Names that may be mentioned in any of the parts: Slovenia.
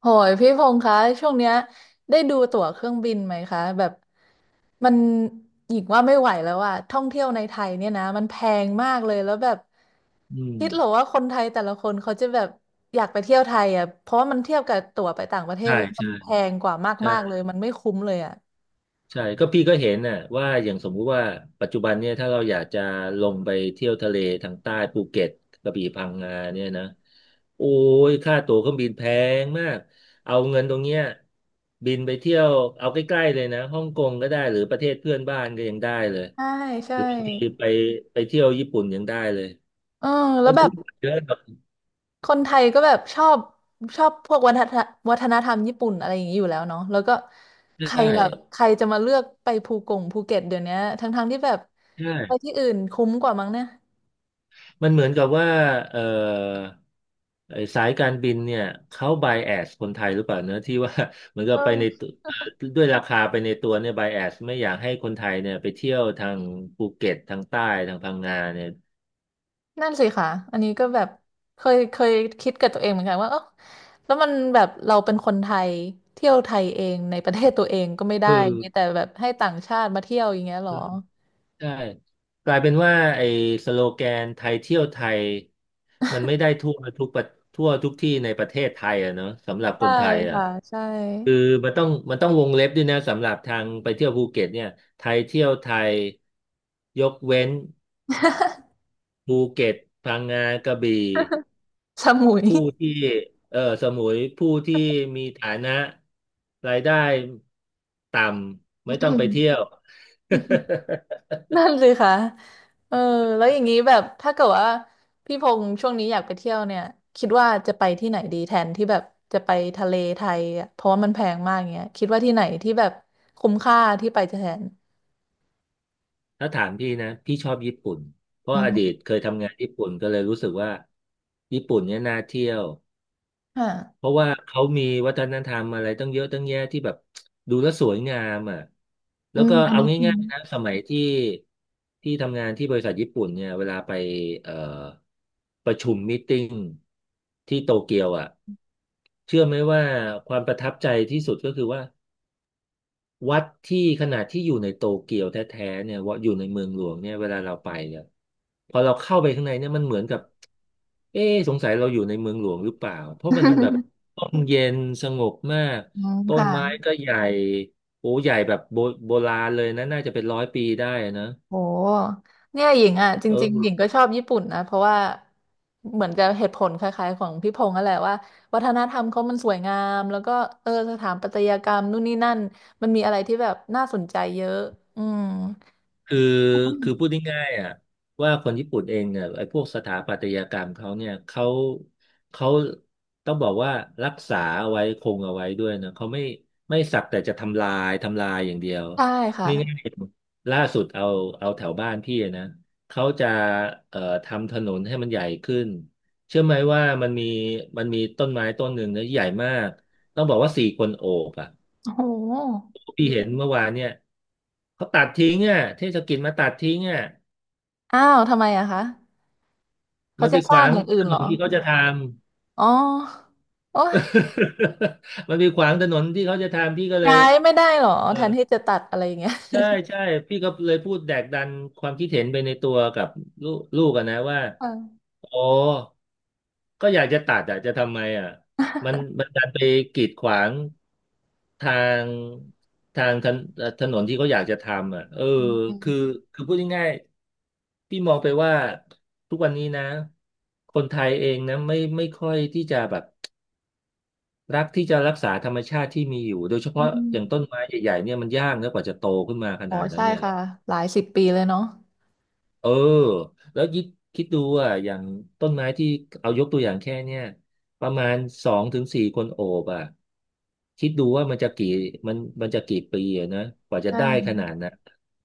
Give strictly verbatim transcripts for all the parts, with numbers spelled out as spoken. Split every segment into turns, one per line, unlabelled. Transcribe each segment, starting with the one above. โหยพี่พงษ์คะช่วงเนี้ยได้ดูตั๋วเครื่องบินไหมคะแบบมันหญิงว่าไม่ไหวแล้วอะท่องเที่ยวในไทยเนี่ยนะมันแพงมากเลยแล้วแบบ
อืม
คิดเหรอว่าคนไทยแต่ละคนเขาจะแบบอยากไปเที่ยวไทยอะเพราะว่ามันเทียบกับตั๋วไปต่างประเทศ
ใช่
แล้วมั
ใช่
นแพงกว่า
ใช่
มากๆเลยมันไม่คุ้มเลยอะ
ใช่ก็พี่ก็เห็นน่ะว่าอย่างสมมุติว่าปัจจุบันเนี่ยถ้าเราอยากจะลงไปเที่ยวทะเลทางใต้ภูเก็ตกระบี่พังงาเนี่ยนะโอ้ยค่าตั๋วเครื่องบินแพงมากเอาเงินตรงเนี้ยบินไปเที่ยวเอาใกล้ๆเลยนะฮ่องกงก็ได้หรือประเทศเพื่อนบ้านก็ยังได้เลย
ใช่
ห
ใช่
รือบางทีไปไปเที่ยวญี่ปุ่นยังได้เลย
เออแล้
มั
ว
น
แบ
คุ้
บ
มกว่าเยอะแบบ
คนไทยก็แบบชอบชอบพวกวัฒนวัฒนธรรมญี่ปุ่นอะไรอย่างนี้อยู่แล้วเนาะแล้วก็ใคร
ได้
ล่ะใครจะมาเลือกไปภูกงภูเก็ตเดี๋ยวเนี้ยทั้งๆที่แบบ
ใช่
ไปที่อื่นคุ้มกว่ามั้งเนี่ย
มันเหมือนกับว่าเอ่อไอ้สายการบินเนี่ยเขาไบแอสคนไทยหรือเปล่าเนอะที่ว่า เหมือนกับไปใน
เออ
ตัวเอ่อด้วยราคาไปในตัวเนี่ยไบแอสไม่อยากให้คนไทยเนี่ยไปเที่ยวทางภูเก็ตทางใต้ทางพังงาเนี่ย
นั่นสิค่ะอันนี้ก็แบบเคยเคยคิดกับตัวเองเหมือนกันว่าเออแล้วมันแบบเราเป็นคนไทยเที่ยวไทยเองในประเทศตัวเองก็ไม่ได้
คือ
มีแต่แบบให้ต่างชาติมาเที่ยวอย่างเงี้ยเหร
อ
อ
ใช่กลายเป็นว่าไอ้สโลแกนไทยเที่ยวไทยมันไม่ได้ทั่วทุกประทั่วทุกที่ในประเทศไทยอะเนอะสำหรับค
ใช่
นไทยอะ
ค่ะใช่
คือมันต้องมันต้องวงเล็บด้วยนะสำหรับทางไปเที่ยวภูเก็ตเนี่ยไทยเที่ยวไทยยกเว้นภูเก็ตพังงากระบี่
สมุย
ผู้ที่เออสมุยผู้ที่มีฐานะรายได้ต่ำไม่ต้องไป เที่ยว
นั่นสิคะเออ แล้วอย่างนี้แบบถ้าเกิดว่าพี่พงษ์ช่วงนี้อยากไปเที่ยวเนี่ยคิดว่าจะไปที่ไหนดีแทนที่แบบจะไปทะเลไทยอะเพราะว่ามันแพงมากเงี้ยคิดว่าที่ไหนที่แบบคุ้มค่าที่ไปจะแทน
ถ้าถามพี่นะพี่ชอบญี่ปุ่นเพราะ
อื
อดี
ม
ตเคยทำงานญี่ปุ่นก็เลยรู้สึกว่าญี่ปุ่นเนี่ยน่าเที่ยว
ค่ะ
เพราะว่าเขามีวัฒนธรรมอะไรตั้งเยอะตั้งแยะที่แบบดูแล้วสวยงามอ่ะแล้
อื
ว
ม
ก็
อัน
เอา
นี้
ง่ายๆนะสมัยที่ที่ทำงานที่บริษัทญี่ปุ่นเนี่ยเวลาไปเอ่อประชุมมีตติ้งที่โตเกียวอ่ะเชื่อไหมว่าความประทับใจที่สุดก็คือว่า วัดที่ขนาดที่อยู่ในโตเกียวแท้ๆเนี่ยว่าอยู่ในเมืองหลวงเนี่ยเวลาเราไปเนี่ยพอเราเข้าไปข้างในเนี่ยมันเหมือนกับเอ๊ะสงสัยเราอยู่ในเมืองหลวงหรือเปล่าเพราะมันแบบ ร่มเย็นสงบมาก
อืม
ต้น
ค่ะ
ไม้ก็ใหญ่โอ้ใหญ่แบบโบโบราณเลยนะน่าจะเป็นร้อยปีได้นะ
โหเนี่ยหญิงอ่ะจ
เอ
ริงๆหญิง
อ
ก็ชอบญี่ปุ่นนะเพราะว่าเหมือนจะเหตุผลคล้ายๆของพี่พงษ์นั่นแหละว่าวัฒนธรรมเขามันสวยงามแล้วก็เออสถาปัตยกรรมนู่นนี่นั่นมันมีอะไรที่แบบน่าสนใจเยอะอืม
คือคือพูดง่ายๆอ่ะว่าคนญี่ปุ่นเองเนี่ยไอ้พวกสถาปัตยกรรมเขาเนี่ยเขาเขาต้องบอกว่ารักษาเอาไว้คงเอาไว้ด้วยนะเขาไม่ไม่สักแต่จะทำลายทำลายอย่างเดียว
ใช่ค่ะ
นี่ง่ายๆล่าสุดเอาเอาแถวบ้านพี่นะเขาจะเอ่อทำถนนให้มันใหญ่ขึ้นเชื่อไหมว่ามันมีมันมีต้นไม้ต้นหนึ่งนะใหญ่มากต้องบอกว่าสี่คนโอบอ่ะ
โอ้โห
พี่เห็นเมื่อวานเนี่ยเขาตัดทิ้งอ่ะเทศกิจมาตัดทิ้งอ่ะ
อ้าวทำไมอะคะเขา
มันไป
จะ
ข
สร้า
วา
ง
ง
อย่างอื่
ถ
น
น
เหรอ
นที่เขาจะทำ
อ๋อโอ้ย
มันไปขวางถนนที่เขาจะทำพี่ก็เล
ย้า
ย
ยไม่ได้เหรอ
เออ
แทนที่จะตัดอะไรอย่างเงี้ย
ใช่ใช่พี่ก็เลยพูดแดกดันความคิดเห็นไปในตัวกับลูกลูกอะนะว่า
ค่ะ
โอ้ก็อยากจะตัดอะจะทำไมอะมันมันดันไปกีดขวางทางทางถนเอ่อถนนที่เขาอยากจะทำอะเออ
อื
คือ
ม
คือพูดง่ายๆพี่มองไปว่าทุกวันนี้นะคนไทยเองนะไม่ไม่ค่อยที่จะแบบรักที่จะรักษาธรรมชาติที่มีอยู่โดยเฉ
อื
พาะอย่างต้
ม
นไม้ใหญ่ๆเนี่ยมันยากนะกว่าจะโตขึ้นมาข
อ๋อ
นาดนั้น
ใช่
เนี่ย
ค่ะหลายสิบปีเลยเนาะ
เออแล้วคิดคิดดูอ่ะอย่างต้นไม้ที่เอายกตัวอย่างแค่เนี้ยประมาณสองถึงสี่คนโอบอ่ะคิดดูว่ามันจะกี่มันมันจะกี่ปีอะนะกว่าจะได้ข
ใช่
นาดน่ะ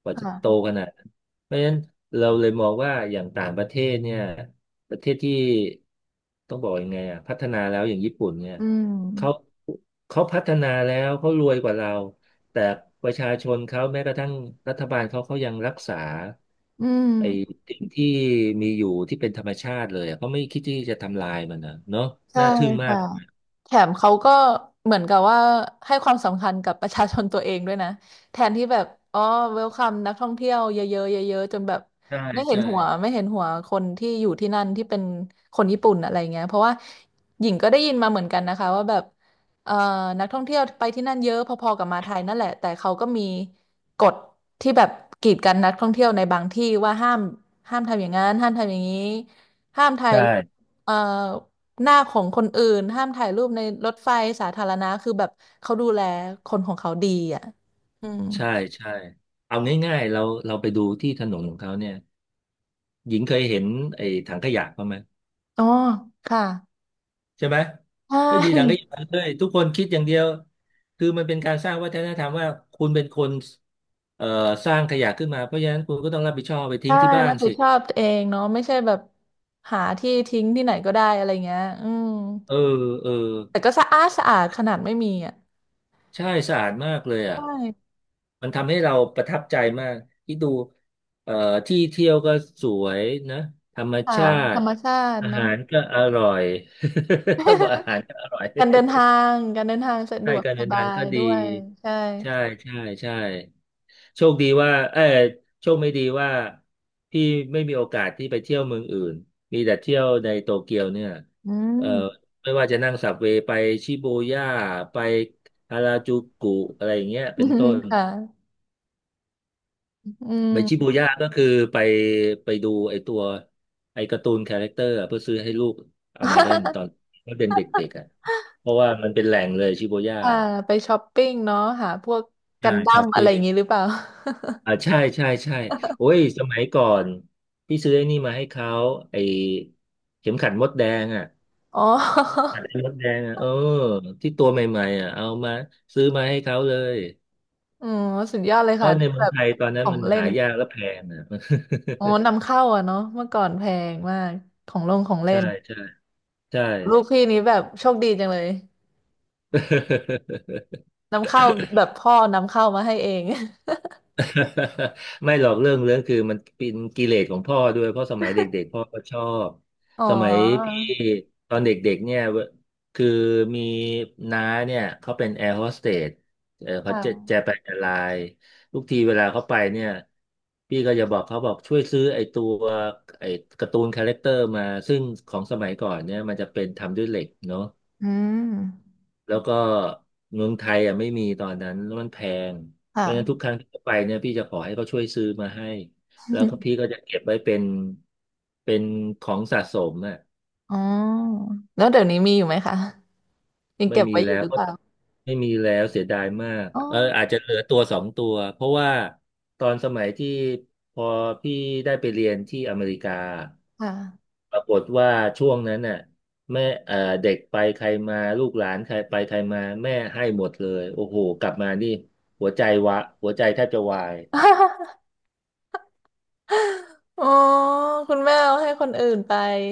กว่าจะโต
ค่ะ
ขนาดนั้นเพราะฉะนั้นเราเลยมองว่าอย่างต่างประเทศเนี่ยประเทศที่ต้องบอกยังไงอ่ะพัฒนาแล้วอย่างญี่ปุ่นเนี่ย
อื
เขา
ม
เขาพัฒนาแล้วเขารวยกว่าเราแต่ประชาชนเขาแม้กระทั่งรัฐบาลเขาเขายังรักษา
อืมอ
ไอ้
ม
สิ่งที่มีอยู่ที่เป็นธรรมชาติเลยอะเขาไม่คิดที่จะทำลายมันนะเนาะ
ใช่
น่าทึ่งมาก
ค่ะแถมเขาก็เหมือนกับว่าให้ความสำคัญกับประชาชนตัวเองด้วยนะ แทนที่แบบอ๋อเวลคัมนักท่องเที่ยวเยอะๆเยอะๆจนแบบ
ใช่
ไม่เห็น
ใช่
หัวไม่เห็นหัวคนที่อยู่ที่นั่นที่เป็นคนญี่ปุ่นอะไรเงี้ยเพราะว่าหญิงก็ได้ยินมาเหมือนกันนะคะว่าแบบเอ่อนักท่องเที่ยวไปที่นั่นเยอะพอๆกับมาไทยนั่นแหละแต่เขาก็มีกฎที่แบบกีดกันนักท่องเที่ยวในบางที่ว่าห้ามห้ามทำอย่างนั้นห้ามทำอย่างนี้ห้ามถ่าย
ใช่
รูปเอ่อ หน้าของคนอื่นห้ามถ่ายรูปในรถไฟสาธารณะคือแบบเขาดูแลคนของเขาดีอ่ะอืม
ใช่ใช่เอาง่ายๆเราเราไปดูที่ถนนของเขาเนี่ยหญิงเคยเห็นไอ้ถังขยะเขางไหม
อ๋อ ค่ะ
ใช่ไหม
ใช
ไม่มีถังข
่
ยะเลยทุกคนคิดอย่างเดียวคือมันเป็นการสร้างวัฒนธรรมว่าคุณเป็นคนเอ่อสร้างขยะขึ้นมาเพราะฉะนั้นคุณก็ต้องรับผิดชอบไปทิ้
ใช่
งที่บ้า
รั
น
บผิด
สิ
ชอบตัวเองเนาะไม่ใช่แบบหาที่ทิ้งที่ไหนก็ได้อะไรเงี้ยอืม
เออเออ
แต่ก็สะอาดสะอาดขนาดไม่มีอ่ะ
ใช่สะอาดมากเลยอ่ะ
ใช่
มันทำให้เราประทับใจมากที่ดูเอ่อที่เที่ยวก็สวยนะธรรม
ค่ะ
ชา
ธร
ติ
รมชาติ
อา
เนาะ
หารก็อร่อย ต้องบอกอา หารก็อร่อย
การเดินทางการเดินทางสะด
ใช่
วก
การ
ส
เดิน
บา
ทาง
ย
ก็
ด้
ดี
วยใช่
ใช่ใช่ใช่โชคดีว่าเออโชคไม่ดีว่าพี่ไม่มีโอกาสที่ไปเที่ยวเมืองอื่นมีแต่เที่ยวในโตเกียวเนี่ย
อืม
เออไม่ว่าจะนั่งสับเวย์ไปชิบูย่าไปฮาราจูกุอะไรอย่างเงี้ยเป็นต้น
ค่ะ อืม
ไปชิบูย่าก็คือไปไปดูไอตัวไอการ์ตูนคาแรคเตอร์อะเพื่อซื้อให้ลูกเอามาเล่นตอนเขาเป็นเด็กๆอ่ะเพราะว่ามันเป็นแหล่งเลยชิบูย่า
อ่าไปช้อปปิ้งเนาะหาพวกกั
ใช่
นดั้
ช้อ
ม
ป
อะไร
ปิ้บ
อย่างงี้หรือเปล่า
อ่าใช่ใช่ใช่โอ้ยสมัยก่อนพี่ซื้อไอ้นี่มาให้เขาไอเข็มขัดมดแดงอ่ะ
อ๋อ
ขัดมดแดงอ่ะเออที่ตัวใหม่ๆอ่ะเอามาซื้อมาให้เขาเลย
อ๋อสุดยอดเลย
เพ
ค่ะ
ราะในเมื
แบ
อง
บ
ไทยตอน
ข
นั้น
อง
มัน
เล่
หา
น
ยากและแพงอ่ะ
อ๋อนำเข้าอะเนาะเมื่อก่อนแพงมากของลงของ เล่
ใช่
น
ใช่ใช่
ลูกพี่นี้แบบโชคดีจังเลย นำเข้าแบบพ่อนำเข้ามาให้เอง
ไม่หรอกเรื่องเรื่องคือมันเป็นกิเลสของพ่อด้วยเพราะสมัยเด็กๆพ่อก็ชอบ
อ๋อ
สมัยพี่ตอนเด็กๆเนี่ยเวคือมีน้าเนี่ยเขาเป็นแอร์โฮสเตสเออเขาจะ
ค่ะ
จะไปแอร์ไลน์ทุกทีเวลาเขาไปเนี่ยพี่ก็จะบอกเขาบอกช่วยซื้อไอ้ตัวไอ้การ์ตูนคาแรคเตอร์มาซึ่งของสมัยก่อนเนี่ยมันจะเป็นทำด้วยเหล็กเนาะ
อืม
แล้วก็เมืองไทยอ่ะไม่มีตอนนั้นแล้วมันแพง เพ
ค่ะ
ราะฉะนั้นทุกครั้งที่ไปเนี่ยพี่จะขอให้เขาช่วยซื้อมาให้แล้วก็พี่ก็ จะเก็บไว้เป็นเป็นของสะสมอ่ะ
อ๋อแล้วเดี๋ยวนี้มีอยู่ไหมคะยัง
ไม่
เก็บ
มี
ไว้อ
แล้
ยู่ห
ว
รือเปล่า
ไม่มีแล้วเสียดายมาก
อ๋อ
เอออาจจะเหลือตัวสองตัวเพราะว่าตอนสมัยที่พอพี่ได้ไปเรียนที่อเมริกา
ค่ะ
ปรากฏว่าช่วงนั้นน่ะแม่เอ่อเด็กไปใครมาลูกหลานใครไปใครมาแม่ให้หมดเลยโอ้โหกลับมานี่หัวใจวะหัวใจแทบจะวาย
อ๋อคุณแม่เอาให้คนอื่นไป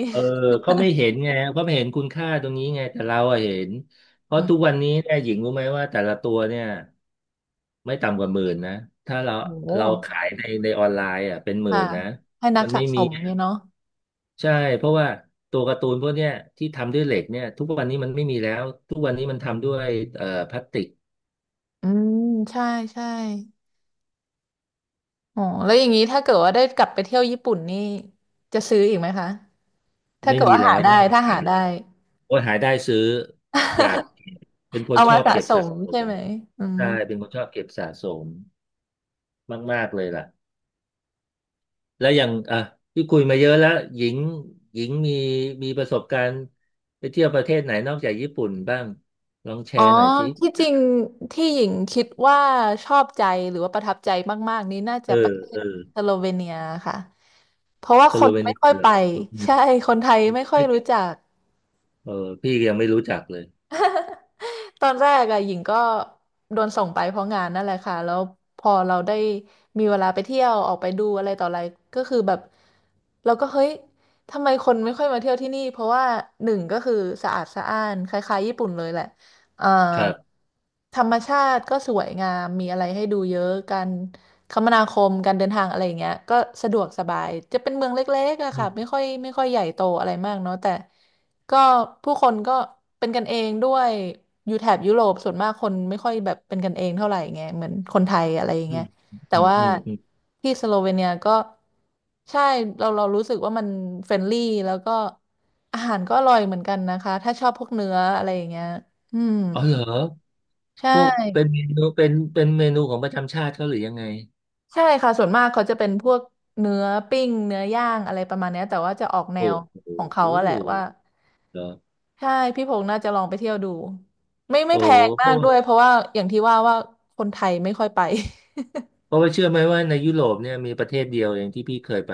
เออเขาไม่เห็นไงเขาไม่เห็นคุณค่าตรงนี้ไงแต่เราอะเห็นเพ
อื
ราะ
ม
ทุกวันนี้เนี่ยหญิงรู้ไหมว่าแต่ละตัวเนี่ยไม่ต่ำกว่าหมื่นนะถ้าเรา
โห
เราขายในในออนไลน์อ่ะเป็นหมื่
ค่ะ
นนะ
ให้นัก
มัน
สะ
ไม่
ส
มี
ม
อะ
เลยเนาะ
ใช่เพราะว่าตัวการ์ตูนพวกเนี้ยที่ทำด้วยเหล็กเนี่ยทุกวันนี้มันไม่มีแล้วทุกวันนี้มันทำด้วยเอ่อพลาสติก
อืมใช่ใช่อ๋อแล้วอย่างนี้ถ้าเกิดว่าได้กลับไปเที่ยวญี่ปุ่นนี่จะซื้ออีกไหมคะถ้า
ไม่
เกิด
มี
ว่า
แล้
หา
วก็
ได้
ไม่มี
ถ้า
ขา
หา
ยแล้
ได้
วคนหายได้ซื้ออยากเป็น คน
เอา
ช
มา
อบ
สะ
เก็บ
ส
สะ
ม
ส
ใช่
ม
ไหมอืม
ใช่เป็นคนชอบเก็บสะสมมากๆเลยล่ะ แล้วอย่างอ่ะที่คุยมาเยอะแล้วหญิงหญิงมีมีประสบการณ์ไปเที่ยวประเทศไหนนอกจากญี่ปุ่นบ้างลองแช
อ๋อ
ร์หน่อยสิ
ที่จริงที่หญิงคิดว่าชอบใจหรือว่าประทับใจมากๆนี้น่า
เอ
จะป
อ
ระเท
เอ
ศ
อ
สโลเวเนียค่ะเพราะว่า
ส
ค
โล
น
เว
ไม่
เนีย
ค่อย
เหร
ไป
อสโลเวเนีย
ใช่คนไทยไม่ค่อยรู้จัก
เออพี่ยังไม่รู้จักเลย
ตอนแรกอะหญิงก็โดนส่งไปเพราะงานนั่นแหละค่ะแล้วพอเราได้มีเวลาไปเที่ยวออกไปดูอะไรต่ออะไรก็คือแบบเราก็เฮ้ยทำไมคนไม่ค่อยมาเที่ยวที่นี่เพราะว่าหนึ่งก็คือสะอาดสะอ้านคล้ายๆญี่ปุ่นเลยแหละเอ่อ
ครับ
ธรรมชาติก็สวยงามมีอะไรให้ดูเยอะกัน คมนาคมการเดินทางอะไรอย่างเงี้ยก็สะดวกสบายจะเป็นเมืองเล็กๆอะ
อื
ค่ะไม่
ม
ค่อยไม่ค่อยใหญ่โตอะไรมากเนาะแต่ก็ผู้คนก็เป็นกันเองด้วยอยู่แถบยุโรปส่วนมากคนไม่ค่อยแบบเป็นกันเองเท่าไหร่ไงเหมือนคนไทยอะไรอย่าง
อื
เงี้ย
ม
แต่
อืม
ว่า
อืมอืม
ที่สโลเวเนียก็ใช่เราเรารู้สึกว่ามันเฟรนลี่แล้วก็อาหารก็อร่อยเหมือนกันนะคะถ้าชอบพวกเนื้ออะไรอย่างเงี้ยอืม
อ๋อเหรอ
ใช
พวกเป็น
่
เมนูเป็นเป็นเมนูของประจำชาติเขาหรือยังไง
ใช่ค่ะส่วนมากเขาจะเป็นพวกเนื้อปิ้งเนื้อย่างอะไรประมาณเนี้ยแต่ว่าจะออกแน
โอ้
วของ
โห
เขาอะแหละว่า
เหรอ
ใช่พี่พงษ์น่าจะลองไปเที่ยวดูไม่ไม่
โอ้
แพง
โห
มากด้วยเพราะว่าอย่างที่ว่าว่าคนไทย ไม่ค่อยไป
เพราะว่าเชื่อไหมว่าในยุโรปเนี่ยมีประเทศเดียวเองที่พี่เคยไป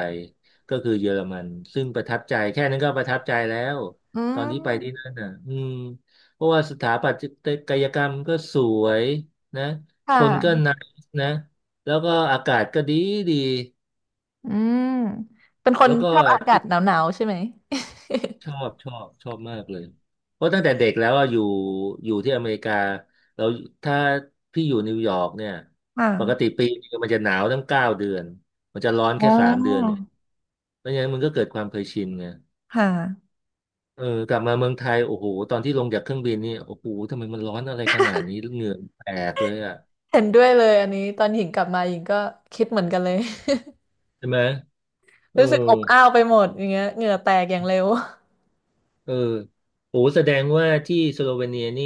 ก็คือเยอรมันซึ่งประทับใจแค่นั้นก็ประทับใจแล้ว
อื
ตอนที่ไปที่
ม
นั่นน่ะอืมเพราะว่าสถาปัตยกรรมก็สวยนะ
ค่
คนก็
ะ
น่านะแล้วก็อากาศก็ดีดี
อืมเป็นคน
แล้วก็
ชอบอากา
ที่
ศหนาวๆใช่ไหม
ชอบชอบชอบมากเลยเพราะตั้งแต่เด็กแล้วอะอยู่อยู่ที่อเมริกาเราถ้าพี่อยู่นิวยอร์กเนี่ย
ค
ปกติ
่ะ
ปีนึงมันจะหนาวตั้งเก้าเดือนมันจะร้อน
อ๋
แค่สามเดือน
อ
ไม่งั้นมันก็เกิดความเคยชินไง
ค่ะ
เออกลับมาเมืองไทยโอ้โหตอนที่ลงจากเครื่องบินนี่โอ้โหทำไมมันร้อนอะไรขนาดนี้เหงื่อแตกเลยอ่ะ
เห็นด้วยเลยอันนี้ตอนหญิงกลับมาหญิงก็คิดเหมือนกันเลย
ใช่ไหมเอ อ
รู้สึกอบอ้าวไปหมดอย่างเงี้ยเหงื่อแตกอย่างเร็ว
เออโอ้แสดงว่าที่สโลเวเนียนี่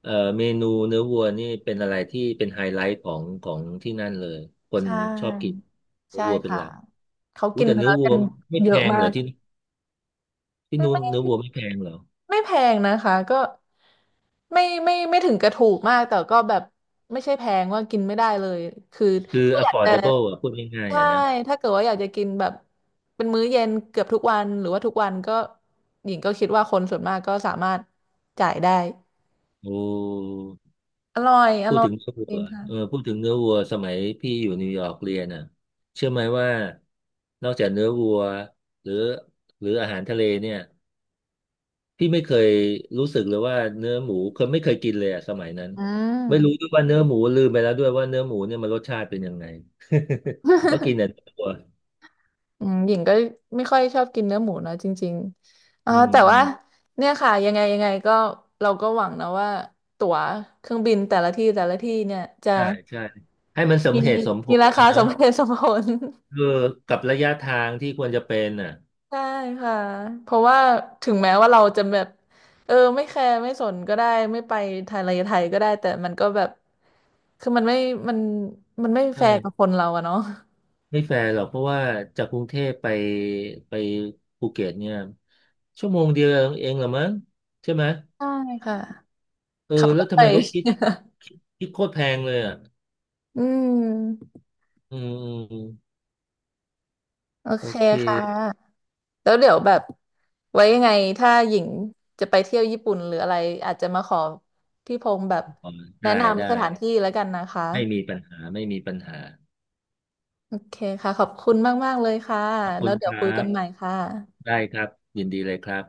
เอ่อเมนูเนื้อวัวนี่เป็นอะไรที่เป็นไฮไลท์ของของที่นั่นเลย คน
ใช่
ชอบกินเนื้อ
ใช่
วัวเป็นห
ค่ะ
ลัก
เขา
อู้
กิน
แต่
เนื้
เนื้
อ
อวั
กั
ว
น
ไม่
เย
แพ
อะ
ง
มา
เหรอ
ก
ที่ที่นู้น
ไม่
เนื้อวัวไม่แพงเหรอ
ไม่แพงนะคะก็ไม่ไม่ไม่ถึงกระถูกมากแต่ก็แบบไม่ใช่แพงว่ากินไม่ได้เลยคือ
คือ
ถ้าอยากจะ
affordable อ่ะพูดง่ายๆ
ใช่
อ่ะนะ
ถ้าเกิดว่าอยากจะกินแบบเป็นมื้อเย็นเกือบทุกวันหรือว่าทุกวันก็หญิงก็คิดว่าคนส่วนมากก็สามารถจ่ายได้
โอ้
อร่อยอ
พูด
ร่อ
ถึ
ย
งเนื้อ
จริ
วั
ง
วเออ
ค่ะ
พูดถึงเนื้อวัวสมัยพี่อยู่นิวยอร์กเรียนน่ะเชื่อไหมว่านอกจากเนื้อวัวหรือหรืออาหารทะเลเนี่ยพี่ไม่เคยรู้สึกเลยว่าเนื้อหมูเคยไม่เคยกินเลยอะสมัยนั้น
อื
ไม่รู้ด้
ม
วยว่าเนื้อหมูลืมไปแล้วด้วยว่าเนื้อหมูเนี่ยมันรสชาติเป็นยังไง เพราะกินแต่เนื้อวัว
อืมหญิงก็ไม่ค่อยชอบกินเนื้อหมูนะจริงๆอ่า
อืม
แต่
อื
ว่า
ม
เนี่ยค่ะยังไงยังไงก็เราก็หวังนะว่าตั๋วเครื่องบินแต่ละที่แต่ละที่เนี่ยจะ
ใช่ใช่ให้มันสม
มี
เหตุสมผ
มี
ล
รา
นะ
คา
เน
ส
อะ
มเหตุสมผล
คือกับระยะทางที่ควรจะเป็นน่ะ
ใช่ค่ะเพราะว่าถึงแม้ว่าเราจะแบบเออไม่แคร์ไม่สนก็ได้ไม่ไปไทยอะไรไทยก็ได้แต่มันก็แบบคือมันไม่มันมันไม่แฟ
ใช่
ร์กับคนเราอะเนาะ
ไม่แฟร์หรอกเพราะว่าจากกรุงเทพไปไปภูเก็ตเนี่ยชั่วโมงเดียวเองเหรอมั้งใช่ไหม
ใช่ค่ะ
เออ
ขับร
แล้ว
ถไป
ทำไมเขาคิด คิดคิดโคตรแพงเลยอ่ะ
อืม
อืมอืมอืม
โอ
โอ
เค
เค
ค่ะแล้วเดี๋ยวแบบไว้ยังไงถ้าหญิงจะไปเที่ยวญี่ปุ่นหรืออะไรอาจจะมาขอพี่พงษ์แบบ
อ๋อ
แนะ
ได้ได้
นำสถานที่แล้วกันนะคะ
ไม่มีปัญหาไม่มีปัญหา
โอเคค่ะขอบคุณมากๆเลยค่ะ
ขอบคุ
แล้ว
ณ
เดี๋
ค
ยวคุย
รั
กั
บ
นใหม่ค่ะ
ได้ครับยินดีเลยครับ